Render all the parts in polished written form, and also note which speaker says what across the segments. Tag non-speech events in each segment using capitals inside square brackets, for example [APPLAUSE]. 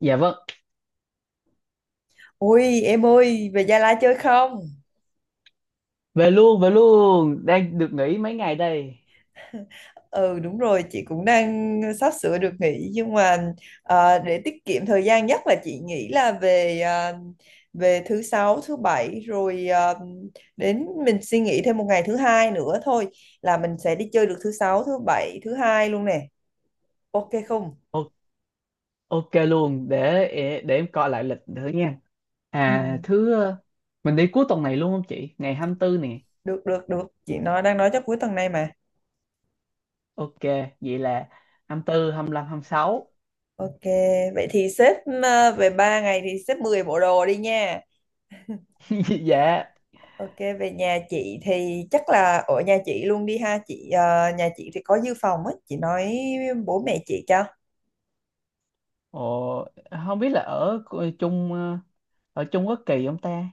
Speaker 1: Dạ vâng,
Speaker 2: Ôi em ơi về Gia Lai chơi không?
Speaker 1: về luôn, đang được nghỉ mấy ngày đây.
Speaker 2: Ừ đúng rồi chị cũng đang sắp sửa được nghỉ nhưng mà để tiết kiệm thời gian nhất là chị nghĩ là về thứ sáu thứ bảy rồi, đến mình suy nghĩ thêm một ngày thứ hai nữa thôi là mình sẽ đi chơi được thứ sáu thứ bảy thứ hai luôn nè, ok không?
Speaker 1: O ok luôn, để em coi lại lịch nữa nha. À,
Speaker 2: Ừ
Speaker 1: mình đi cuối tuần này luôn không chị? Ngày 24 nè.
Speaker 2: được được được chị đang nói chắc cuối tuần này mà.
Speaker 1: Ok, vậy là hai hai mươi tư, 25, 26.
Speaker 2: Ok, vậy thì xếp về 3 ngày thì xếp 10 bộ đồ đi nha.
Speaker 1: [LAUGHS] Dạ.
Speaker 2: Ok, về nhà chị thì chắc là ở nhà chị luôn đi ha chị, nhà chị thì có dự phòng á, chị nói bố mẹ chị cho.
Speaker 1: Ồ, không biết là ở chung, ở Trung Quốc kỳ không ta?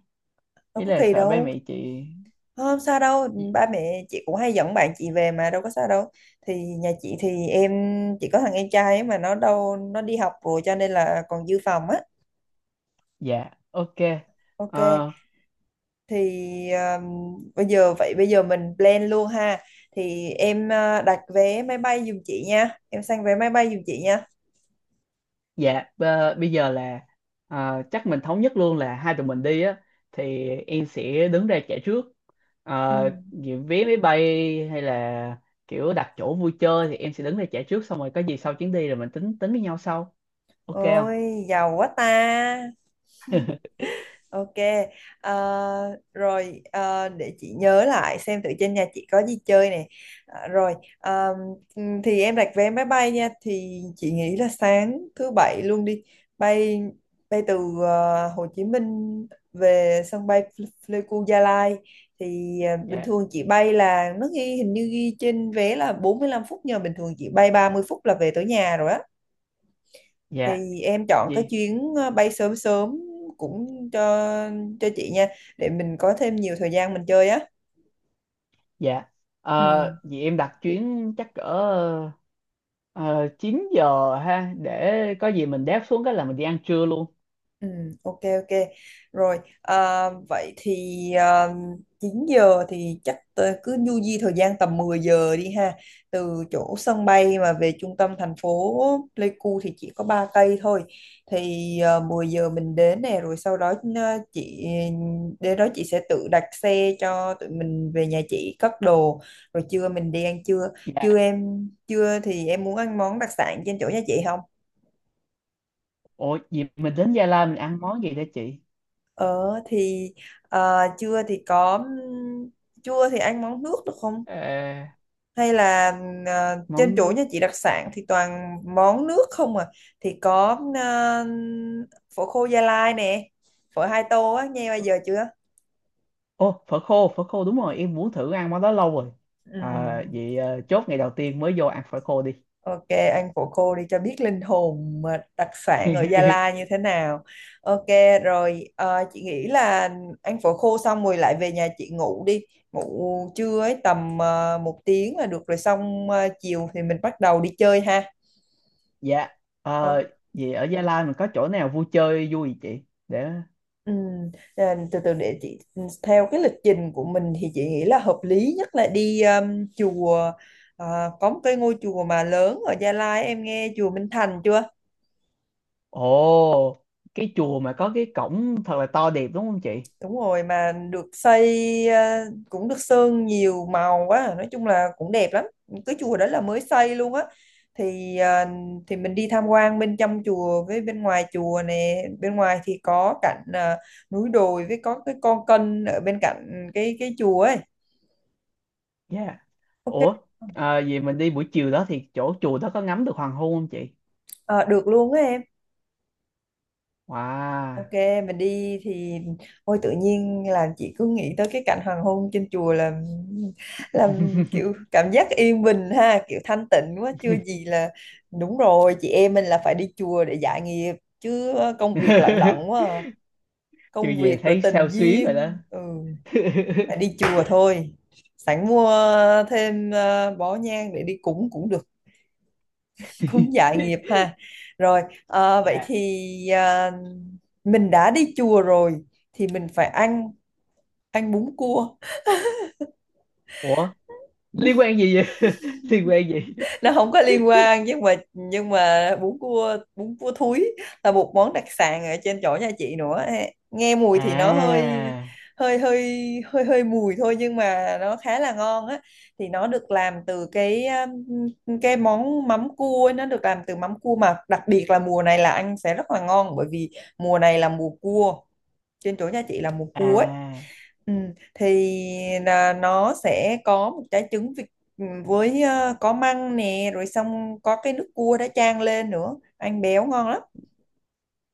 Speaker 2: Đâu
Speaker 1: Ý
Speaker 2: có
Speaker 1: là
Speaker 2: kỳ
Speaker 1: sợ ba
Speaker 2: đâu.
Speaker 1: mẹ chị.
Speaker 2: Không sao đâu. Ba mẹ chị cũng hay dẫn bạn chị về mà đâu có sao đâu. Thì nhà chị thì em chỉ có thằng em trai ấy mà nó đâu, nó đi học rồi cho nên là còn dự phòng á.
Speaker 1: Dạ, ok.
Speaker 2: Ok,
Speaker 1: Ờ,
Speaker 2: thì bây giờ mình plan luôn ha. Thì em đặt vé máy bay giùm chị nha, em sang vé máy bay giùm chị nha.
Speaker 1: Dạ, bây giờ là, chắc mình thống nhất luôn là hai tụi mình đi á, thì em sẽ đứng ra trả trước.
Speaker 2: Ừ.
Speaker 1: Ờ, Vì vé máy bay hay là kiểu đặt chỗ vui chơi thì em sẽ đứng ra trả trước, xong rồi có gì sau chuyến đi rồi mình tính tính với nhau sau. Ok không?
Speaker 2: Ôi, giàu quá ta. Ok. ờ, Rồi để chị nhớ lại xem thử trên nhà chị có gì chơi nè. Ờ, rồi thì em đặt vé máy bay nha. Thì chị nghĩ là sáng thứ bảy luôn đi. Bay bay từ Hồ Chí Minh về sân bay Pleiku Gia Lai. Thì bình
Speaker 1: Dạ,
Speaker 2: thường chị bay là nó ghi, hình như ghi trên vé là 45 phút, nhưng mà bình thường chị bay 30 phút là về tới nhà rồi á.
Speaker 1: dạ,
Speaker 2: Thì em chọn cái
Speaker 1: gì?
Speaker 2: chuyến bay sớm sớm cũng cho chị nha, để mình có thêm nhiều thời gian mình chơi á.
Speaker 1: Dạ.
Speaker 2: Ừ.
Speaker 1: Vì em đặt chuyến chắc cỡ ờ, 9 giờ ha, để có gì mình đáp xuống cái là mình đi ăn trưa luôn.
Speaker 2: Ừ, ok ok rồi, vậy thì à, 9 giờ thì chắc tớ cứ du di thời gian tầm 10 giờ đi ha. Từ chỗ sân bay mà về trung tâm thành phố Pleiku thì chỉ có 3 cây thôi, thì 10 giờ mình đến nè, rồi sau đó chị đến đó chị sẽ tự đặt xe cho tụi mình về nhà chị cất đồ, rồi trưa mình đi ăn trưa.
Speaker 1: Dạ.
Speaker 2: Trưa thì em muốn ăn món đặc sản trên chỗ nhà chị không?
Speaker 1: Ủa, gì mình đến Gia Lai mình ăn món gì đó chị?
Speaker 2: Ờ thì à, trưa thì có trưa thì ăn món nước được không?
Speaker 1: Ờ,
Speaker 2: Hay là trên
Speaker 1: món
Speaker 2: chỗ
Speaker 1: nước.
Speaker 2: nhà chị đặc sản thì toàn món nước không à? Thì có phở khô Gia Lai nè, phở 2 tô á, nghe bao giờ chưa?
Speaker 1: Ô, phở khô, phở khô đúng rồi, em muốn thử ăn món đó lâu rồi.
Speaker 2: Ừ.
Speaker 1: À, vậy chốt ngày đầu tiên mới vô ăn phở khô đi.
Speaker 2: Ok, anh phụ cô đi cho biết linh hồn mà đặc sản ở Gia Lai
Speaker 1: [LAUGHS]
Speaker 2: như thế nào. Ok, rồi chị nghĩ là anh phụ cô xong rồi lại về nhà chị ngủ đi. Ngủ trưa ấy tầm 1 tiếng là được rồi, xong chiều thì mình bắt đầu đi chơi ha.
Speaker 1: Dạ.
Speaker 2: Ồ,
Speaker 1: ờ, Vậy ở Gia Lai mình có chỗ nào vui chơi vui gì chị để...
Speaker 2: ừm, từ từ để chị, theo cái lịch trình của mình thì chị nghĩ là hợp lý nhất là đi chùa. Có một cái ngôi chùa mà lớn ở Gia Lai, em nghe chùa Minh Thành chưa?
Speaker 1: Ồ, cái chùa mà có cái cổng thật là to đẹp đúng không chị?
Speaker 2: Đúng rồi, mà được xây cũng được sơn nhiều màu quá à, nói chung là cũng đẹp lắm. Cái chùa đó là mới xây luôn á, thì mình đi tham quan bên trong chùa với bên ngoài chùa nè, bên ngoài thì có cạnh núi đồi, với có cái con kênh ở bên cạnh cái chùa ấy.
Speaker 1: Dạ.
Speaker 2: Ok.
Speaker 1: Ủa, à, vậy mình đi buổi chiều đó thì chỗ chùa đó có ngắm được hoàng hôn không chị?
Speaker 2: Ờ, được luôn á em.
Speaker 1: Wow.
Speaker 2: Ok, mình đi thì, ôi tự nhiên là chị cứ nghĩ tới cái cảnh hoàng hôn trên chùa là làm kiểu cảm giác yên bình ha, kiểu thanh tịnh quá. Chưa gì là đúng rồi, chị em mình là phải đi chùa để giải nghiệp chứ, công việc lận đận
Speaker 1: [LAUGHS]
Speaker 2: quá à.
Speaker 1: Chưa
Speaker 2: Công
Speaker 1: về
Speaker 2: việc rồi
Speaker 1: thấy
Speaker 2: tình
Speaker 1: sao xuyến rồi đó.
Speaker 2: duyên, phải đi chùa thôi. Sẵn mua thêm bó nhang để đi cúng cũng được, cũng dạ nghiệp
Speaker 1: [LAUGHS]
Speaker 2: ha. Rồi vậy
Speaker 1: Dạ.
Speaker 2: thì ờ, mình đã đi chùa rồi thì mình phải ăn ăn bún cua.
Speaker 1: Ủa, liên quan gì vậy? [LAUGHS] Liên quan gì?
Speaker 2: Nó không có liên quan nhưng mà, bún cua thúi là một món đặc sản ở trên chỗ nhà chị nữa. Nghe mùi thì nó hơi
Speaker 1: À,
Speaker 2: hơi hơi hơi hơi mùi thôi nhưng mà nó khá là ngon á. Thì nó được làm từ cái món mắm cua ấy, nó được làm từ mắm cua, mà đặc biệt là mùa này là ăn sẽ rất là ngon, bởi vì mùa này là mùa cua, trên chỗ nhà chị là mùa cua ấy.
Speaker 1: à.
Speaker 2: Ừ, thì là nó sẽ có một trái trứng vịt, với có măng nè, rồi xong có cái nước cua đã chan lên nữa, ăn béo ngon lắm.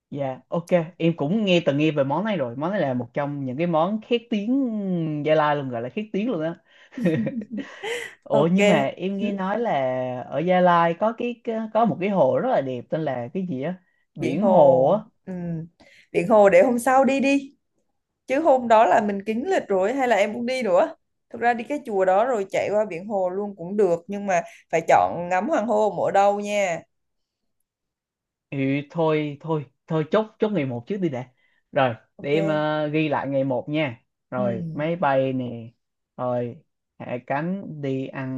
Speaker 1: Dạ, ok, em cũng từng nghe về món này rồi, món này là một trong những cái món khét tiếng Gia Lai luôn, gọi là khét tiếng luôn á. [LAUGHS] Ủa,
Speaker 2: Ok.
Speaker 1: nhưng mà em nghe
Speaker 2: Ừ,
Speaker 1: nói là ở Gia Lai có có một cái hồ rất là đẹp tên là cái gì á,
Speaker 2: biển
Speaker 1: biển hồ.
Speaker 2: hồ. Ừ. Biển hồ để hôm sau đi đi, chứ hôm đó là mình kín lịch rồi, hay là em muốn đi nữa? Thực ra đi cái chùa đó rồi chạy qua biển hồ luôn cũng được, nhưng mà phải chọn ngắm hoàng hôn ở đâu nha.
Speaker 1: Ừ, thôi thôi thôi, chốt chốt ngày một trước đi đã. Rồi để
Speaker 2: Ok.
Speaker 1: em ghi lại ngày một nha. Rồi
Speaker 2: Ừ.
Speaker 1: máy bay nè. Rồi hạ cánh đi ăn,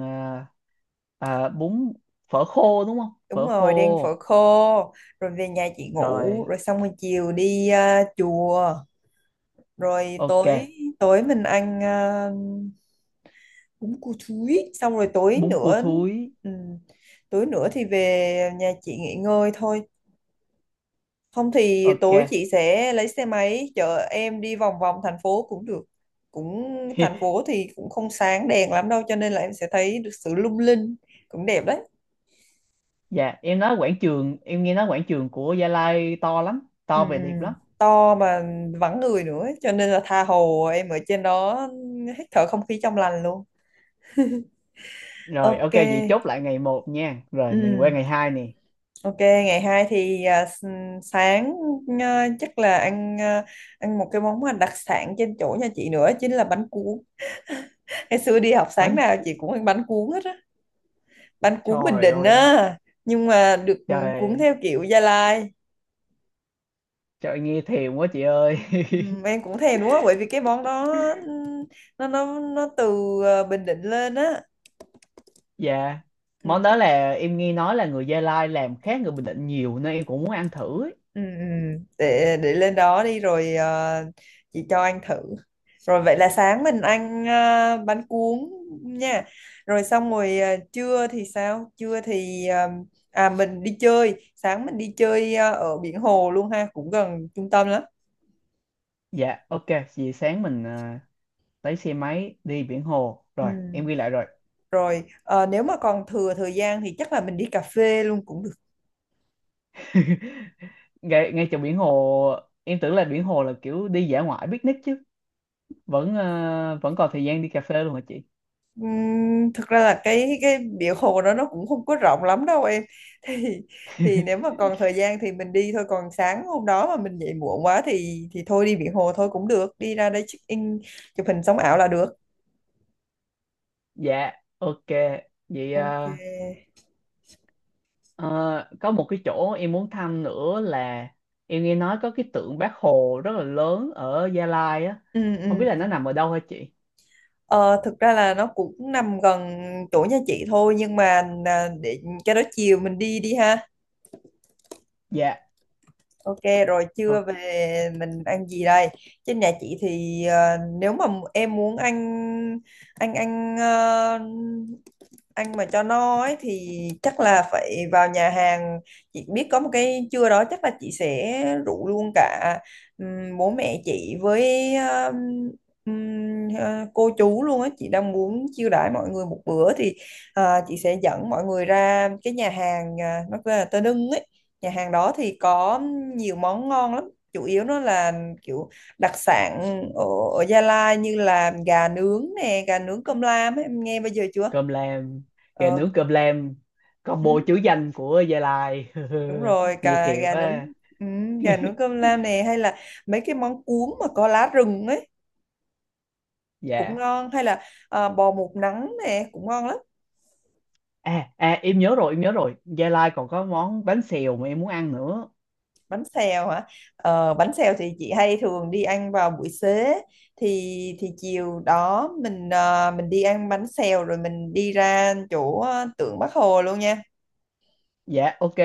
Speaker 1: ờ, ờ, bún phở khô đúng không,
Speaker 2: Đúng
Speaker 1: phở
Speaker 2: rồi, đi ăn phở
Speaker 1: khô.
Speaker 2: khô, rồi về nhà chị ngủ,
Speaker 1: Rồi
Speaker 2: rồi xong rồi chiều đi chùa, rồi
Speaker 1: ok.
Speaker 2: tối tối mình ăn bún cua thúi, xong rồi tối
Speaker 1: Bún cua
Speaker 2: nữa.
Speaker 1: thúi.
Speaker 2: ừm, Tối nữa thì về nhà chị nghỉ ngơi thôi, không thì
Speaker 1: Ok.
Speaker 2: tối chị sẽ lấy xe máy chở em đi vòng vòng thành phố cũng được. cũng Thành
Speaker 1: [LAUGHS]
Speaker 2: phố thì cũng không sáng đèn lắm đâu, cho nên là em sẽ thấy được sự lung linh, cũng đẹp đấy.
Speaker 1: Dạ, em nói quảng trường em nghe nói quảng trường của Gia Lai to lắm,
Speaker 2: Ừ,
Speaker 1: to
Speaker 2: ừ.
Speaker 1: về đẹp lắm.
Speaker 2: To mà vắng người nữa ấy, cho nên là tha hồ em ở trên đó hít thở không khí trong lành luôn.
Speaker 1: Rồi
Speaker 2: Ok.
Speaker 1: ok, vậy chốt lại ngày một nha, rồi mình
Speaker 2: Ừ.
Speaker 1: qua ngày hai nè.
Speaker 2: Ok, ngày hai thì sáng chắc là ăn một cái món mà đặc sản trên chỗ nhà chị nữa, chính là bánh cuốn. Ngày xưa đi học sáng
Speaker 1: bánh
Speaker 2: nào chị
Speaker 1: cu-
Speaker 2: cũng ăn bánh cuốn hết á, bánh cuốn Bình
Speaker 1: Trời
Speaker 2: Định
Speaker 1: ơi,
Speaker 2: á, nhưng mà được cuốn
Speaker 1: trời.
Speaker 2: theo kiểu Gia Lai.
Speaker 1: Trời nghe thèm quá chị ơi.
Speaker 2: Ừ,
Speaker 1: [LAUGHS]
Speaker 2: em cũng thèm đúng không, bởi vì cái món đó, ừ, nó từ Bình Định lên á.
Speaker 1: Dạ. Món
Speaker 2: Ừ.
Speaker 1: đó là em nghe nói là người Gia Lai làm khác người Bình Định nhiều nên em cũng muốn ăn thử ấy.
Speaker 2: Ừ, ừ, để lên đó đi rồi chị cho anh thử. Rồi vậy là sáng mình ăn bánh cuốn nha, rồi xong rồi trưa thì sao? Trưa thì mình đi chơi, ở biển hồ luôn ha, cũng gần trung tâm lắm.
Speaker 1: Dạ, ok, vậy sáng mình lấy xe máy đi biển hồ.
Speaker 2: Ừ.
Speaker 1: Rồi, em ghi lại rồi.
Speaker 2: Rồi nếu mà còn thừa thời gian thì chắc là mình đi cà phê luôn cũng được.
Speaker 1: [LAUGHS] Ngay ngay chỗ biển hồ, em tưởng là biển hồ là kiểu đi dã ngoại picnic chứ. Vẫn còn thời gian đi cà phê luôn hả chị?
Speaker 2: Thực ra là cái biển hồ đó nó cũng không có rộng lắm đâu em [LAUGHS] thì, nếu
Speaker 1: [LAUGHS]
Speaker 2: mà còn thời gian thì mình đi thôi, còn sáng hôm đó mà mình dậy muộn quá thì, thôi đi biển hồ thôi cũng được, đi ra đây check in chụp hình sống ảo là được.
Speaker 1: Dạ, ok. Vậy
Speaker 2: Ok.
Speaker 1: à. Ờ, có một cái chỗ em muốn thăm nữa là em nghe nói có cái tượng Bác Hồ rất là lớn ở Gia Lai á,
Speaker 2: Ừ ừ.
Speaker 1: không biết là nó nằm ở đâu hả chị?
Speaker 2: Ờ, Thực ra là nó cũng nằm gần chỗ nhà chị thôi, nhưng mà để cho đó chiều mình đi đi ha.
Speaker 1: Dạ.
Speaker 2: Ok, rồi
Speaker 1: ờ,
Speaker 2: trưa về mình ăn gì đây? Trên nhà chị thì nếu mà em muốn ăn ăn ăn ờ, ăn mà cho no ấy thì chắc là phải vào nhà hàng. Chị biết có một cái, trưa đó chắc là chị sẽ rủ luôn cả bố mẹ chị với cô chú luôn á. Chị đang muốn chiêu đãi mọi người một bữa, thì chị sẽ dẫn mọi người ra cái nhà hàng, nó tên là Tơ Nưng ấy. Nhà hàng đó thì có nhiều món ngon lắm, chủ yếu nó là kiểu đặc sản ở, Gia Lai, như là gà nướng nè, gà nướng cơm lam ấy, em nghe bao giờ chưa?
Speaker 1: cơm lam Gà
Speaker 2: ờ,
Speaker 1: nướng cơm lam,
Speaker 2: ừ,
Speaker 1: combo chữ danh của Gia Lai.
Speaker 2: đúng rồi,
Speaker 1: [LAUGHS] Nghe
Speaker 2: cả
Speaker 1: thiệt
Speaker 2: gà nướng,
Speaker 1: quá.
Speaker 2: ừ, gà nướng cơm lam nè, hay là mấy cái món cuốn mà có lá rừng ấy cũng
Speaker 1: Dạ,
Speaker 2: ngon, hay là bò một nắng nè cũng ngon lắm.
Speaker 1: à, à, em nhớ rồi, em nhớ rồi, Gia Lai còn có món bánh xèo mà em muốn ăn nữa.
Speaker 2: Bánh xèo hả? Bánh xèo thì chị hay thường đi ăn vào buổi xế, thì chiều đó mình, đi ăn bánh xèo rồi mình đi ra chỗ tượng Bác Hồ luôn nha.
Speaker 1: Dạ, ok.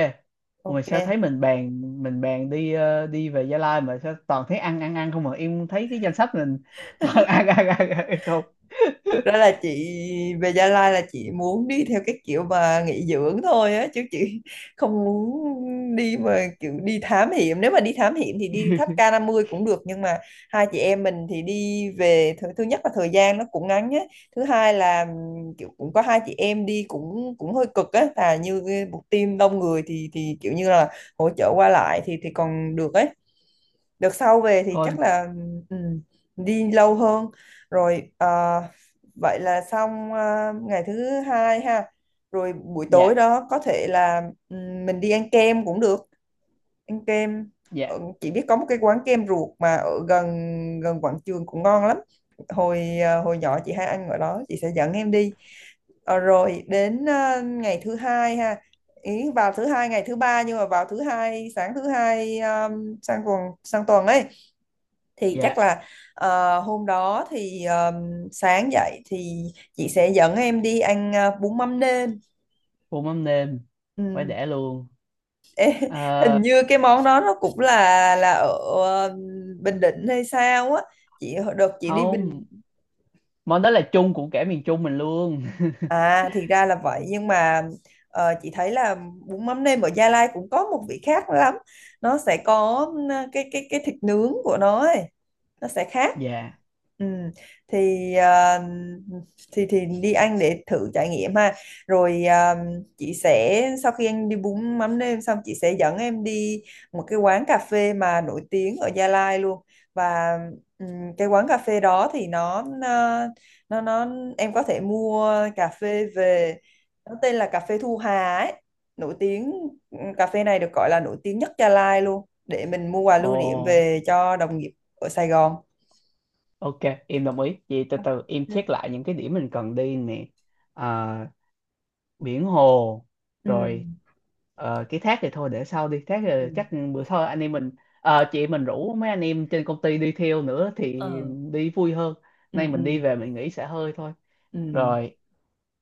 Speaker 1: Ủa mà
Speaker 2: Ok.
Speaker 1: sao thấy mình bàn đi về Gia Lai, mà sao toàn thấy ăn ăn ăn không, mà em thấy cái danh sách mình toàn [LAUGHS] ăn ăn ăn, ăn không.
Speaker 2: Thực ra là chị về Gia Lai là chị muốn đi theo cái kiểu mà nghỉ dưỡng thôi á, chứ chị không muốn đi mà kiểu đi thám hiểm. Nếu mà đi thám hiểm thì đi tháp
Speaker 1: [LAUGHS]
Speaker 2: k mươi cũng được, nhưng mà hai chị em mình thì đi về, thứ nhất là thời gian nó cũng ngắn á, thứ hai là kiểu cũng có hai chị em đi cũng, hơi cực á, là như cái một team đông người thì, kiểu như là hỗ trợ qua lại thì, còn được ấy. Đợt sau về thì
Speaker 1: Thôi.
Speaker 2: chắc là, ừ, đi lâu hơn. Rồi vậy là xong ngày thứ hai ha. Rồi buổi tối
Speaker 1: Dạ,
Speaker 2: đó có thể là, ừ, mình đi ăn kem cũng được. Ăn kem.
Speaker 1: dạ,
Speaker 2: Ờ, chị biết có một cái quán kem ruột mà ở gần, quảng trường, cũng ngon lắm. Hồi hồi nhỏ chị hay ăn ở đó, chị sẽ dẫn em đi. Ờ, rồi đến ngày thứ hai ha, ý vào thứ hai ngày thứ ba, nhưng mà vào thứ hai, sáng thứ hai sang tuần ấy, thì chắc
Speaker 1: dạ.
Speaker 2: là hôm đó thì sáng dậy thì chị sẽ dẫn em đi ăn bún mắm nêm.
Speaker 1: Phô mắm nêm phải
Speaker 2: Ừ.
Speaker 1: để luôn. Ờ,
Speaker 2: Hình như cái món đó nó cũng là ở ờ, Bình Định hay sao á, chị đợt chị đi Bình.
Speaker 1: Không, món đó là chung của cả miền Trung mình luôn.
Speaker 2: À thì ra là vậy, nhưng mà chị thấy là bún mắm nêm ở Gia Lai cũng có một vị khác lắm. Nó sẽ có, cái thịt nướng của nó ấy. Nó sẽ
Speaker 1: [LAUGHS]
Speaker 2: khác.
Speaker 1: Dạ.
Speaker 2: Ừ. Thì thì đi ăn để thử trải nghiệm ha. Rồi chị sẽ, sau khi anh đi bún mắm nêm xong, chị sẽ dẫn em đi một cái quán cà phê mà nổi tiếng ở Gia Lai luôn. Và ừ, cái quán cà phê đó thì nó nó nó em có thể mua cà phê về, nó tên là cà phê Thu Hà ấy, nổi tiếng. Cà phê này được gọi là nổi tiếng nhất Gia Lai luôn, để mình mua quà lưu niệm
Speaker 1: Ồ,
Speaker 2: về cho đồng nghiệp ở Sài Gòn.
Speaker 1: ok, em đồng ý, vậy từ
Speaker 2: Ok.
Speaker 1: từ em check lại những cái điểm mình cần đi nè. Ờ, Biển hồ,
Speaker 2: Ừ
Speaker 1: rồi cái thác thì thôi để sau đi, thác thì
Speaker 2: ừ.
Speaker 1: chắc bữa sau anh em mình, chị mình rủ mấy anh em trên công ty đi theo nữa thì
Speaker 2: Ờ.
Speaker 1: đi vui hơn.
Speaker 2: Ừ
Speaker 1: Nay
Speaker 2: ừ
Speaker 1: mình đi về mình nghỉ xả hơi thôi.
Speaker 2: ừ
Speaker 1: rồi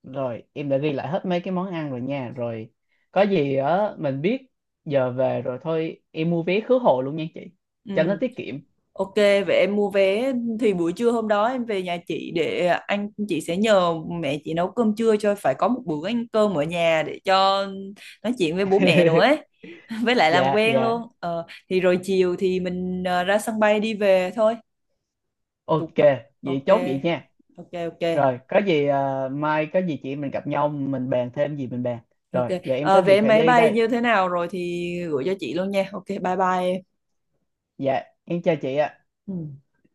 Speaker 1: rồi em đã ghi lại hết mấy cái món ăn rồi nha. Rồi có gì á mình biết, giờ về rồi thôi, em mua vé khứ hồi luôn nha chị
Speaker 2: ừ.
Speaker 1: cho nó tiết kiệm.
Speaker 2: Ok, vậy em mua vé thì buổi trưa hôm đó em về nhà chị, để anh chị sẽ nhờ mẹ chị nấu cơm trưa cho, phải có một bữa ăn cơm ở nhà để cho nói chuyện với bố mẹ nữa
Speaker 1: [LAUGHS]
Speaker 2: ấy. [LAUGHS] Với lại làm
Speaker 1: Dạ,
Speaker 2: quen
Speaker 1: dạ,
Speaker 2: luôn. Ờ, thì rồi chiều thì mình, ra sân bay đi về thôi.
Speaker 1: ok,
Speaker 2: Tục.
Speaker 1: vậy
Speaker 2: Ok.
Speaker 1: chốt vậy nha.
Speaker 2: Ok ok.
Speaker 1: Rồi, có gì à, mai có gì chị em mình gặp nhau mình bàn thêm gì mình bàn.
Speaker 2: Ok.
Speaker 1: Rồi, giờ em
Speaker 2: Ờ,
Speaker 1: có việc
Speaker 2: vé
Speaker 1: phải
Speaker 2: máy
Speaker 1: đi
Speaker 2: bay
Speaker 1: đây.
Speaker 2: như thế nào rồi thì gửi cho chị luôn nha. Ok, bye bye em.
Speaker 1: Dạ, em chào chị ạ.
Speaker 2: Ừ.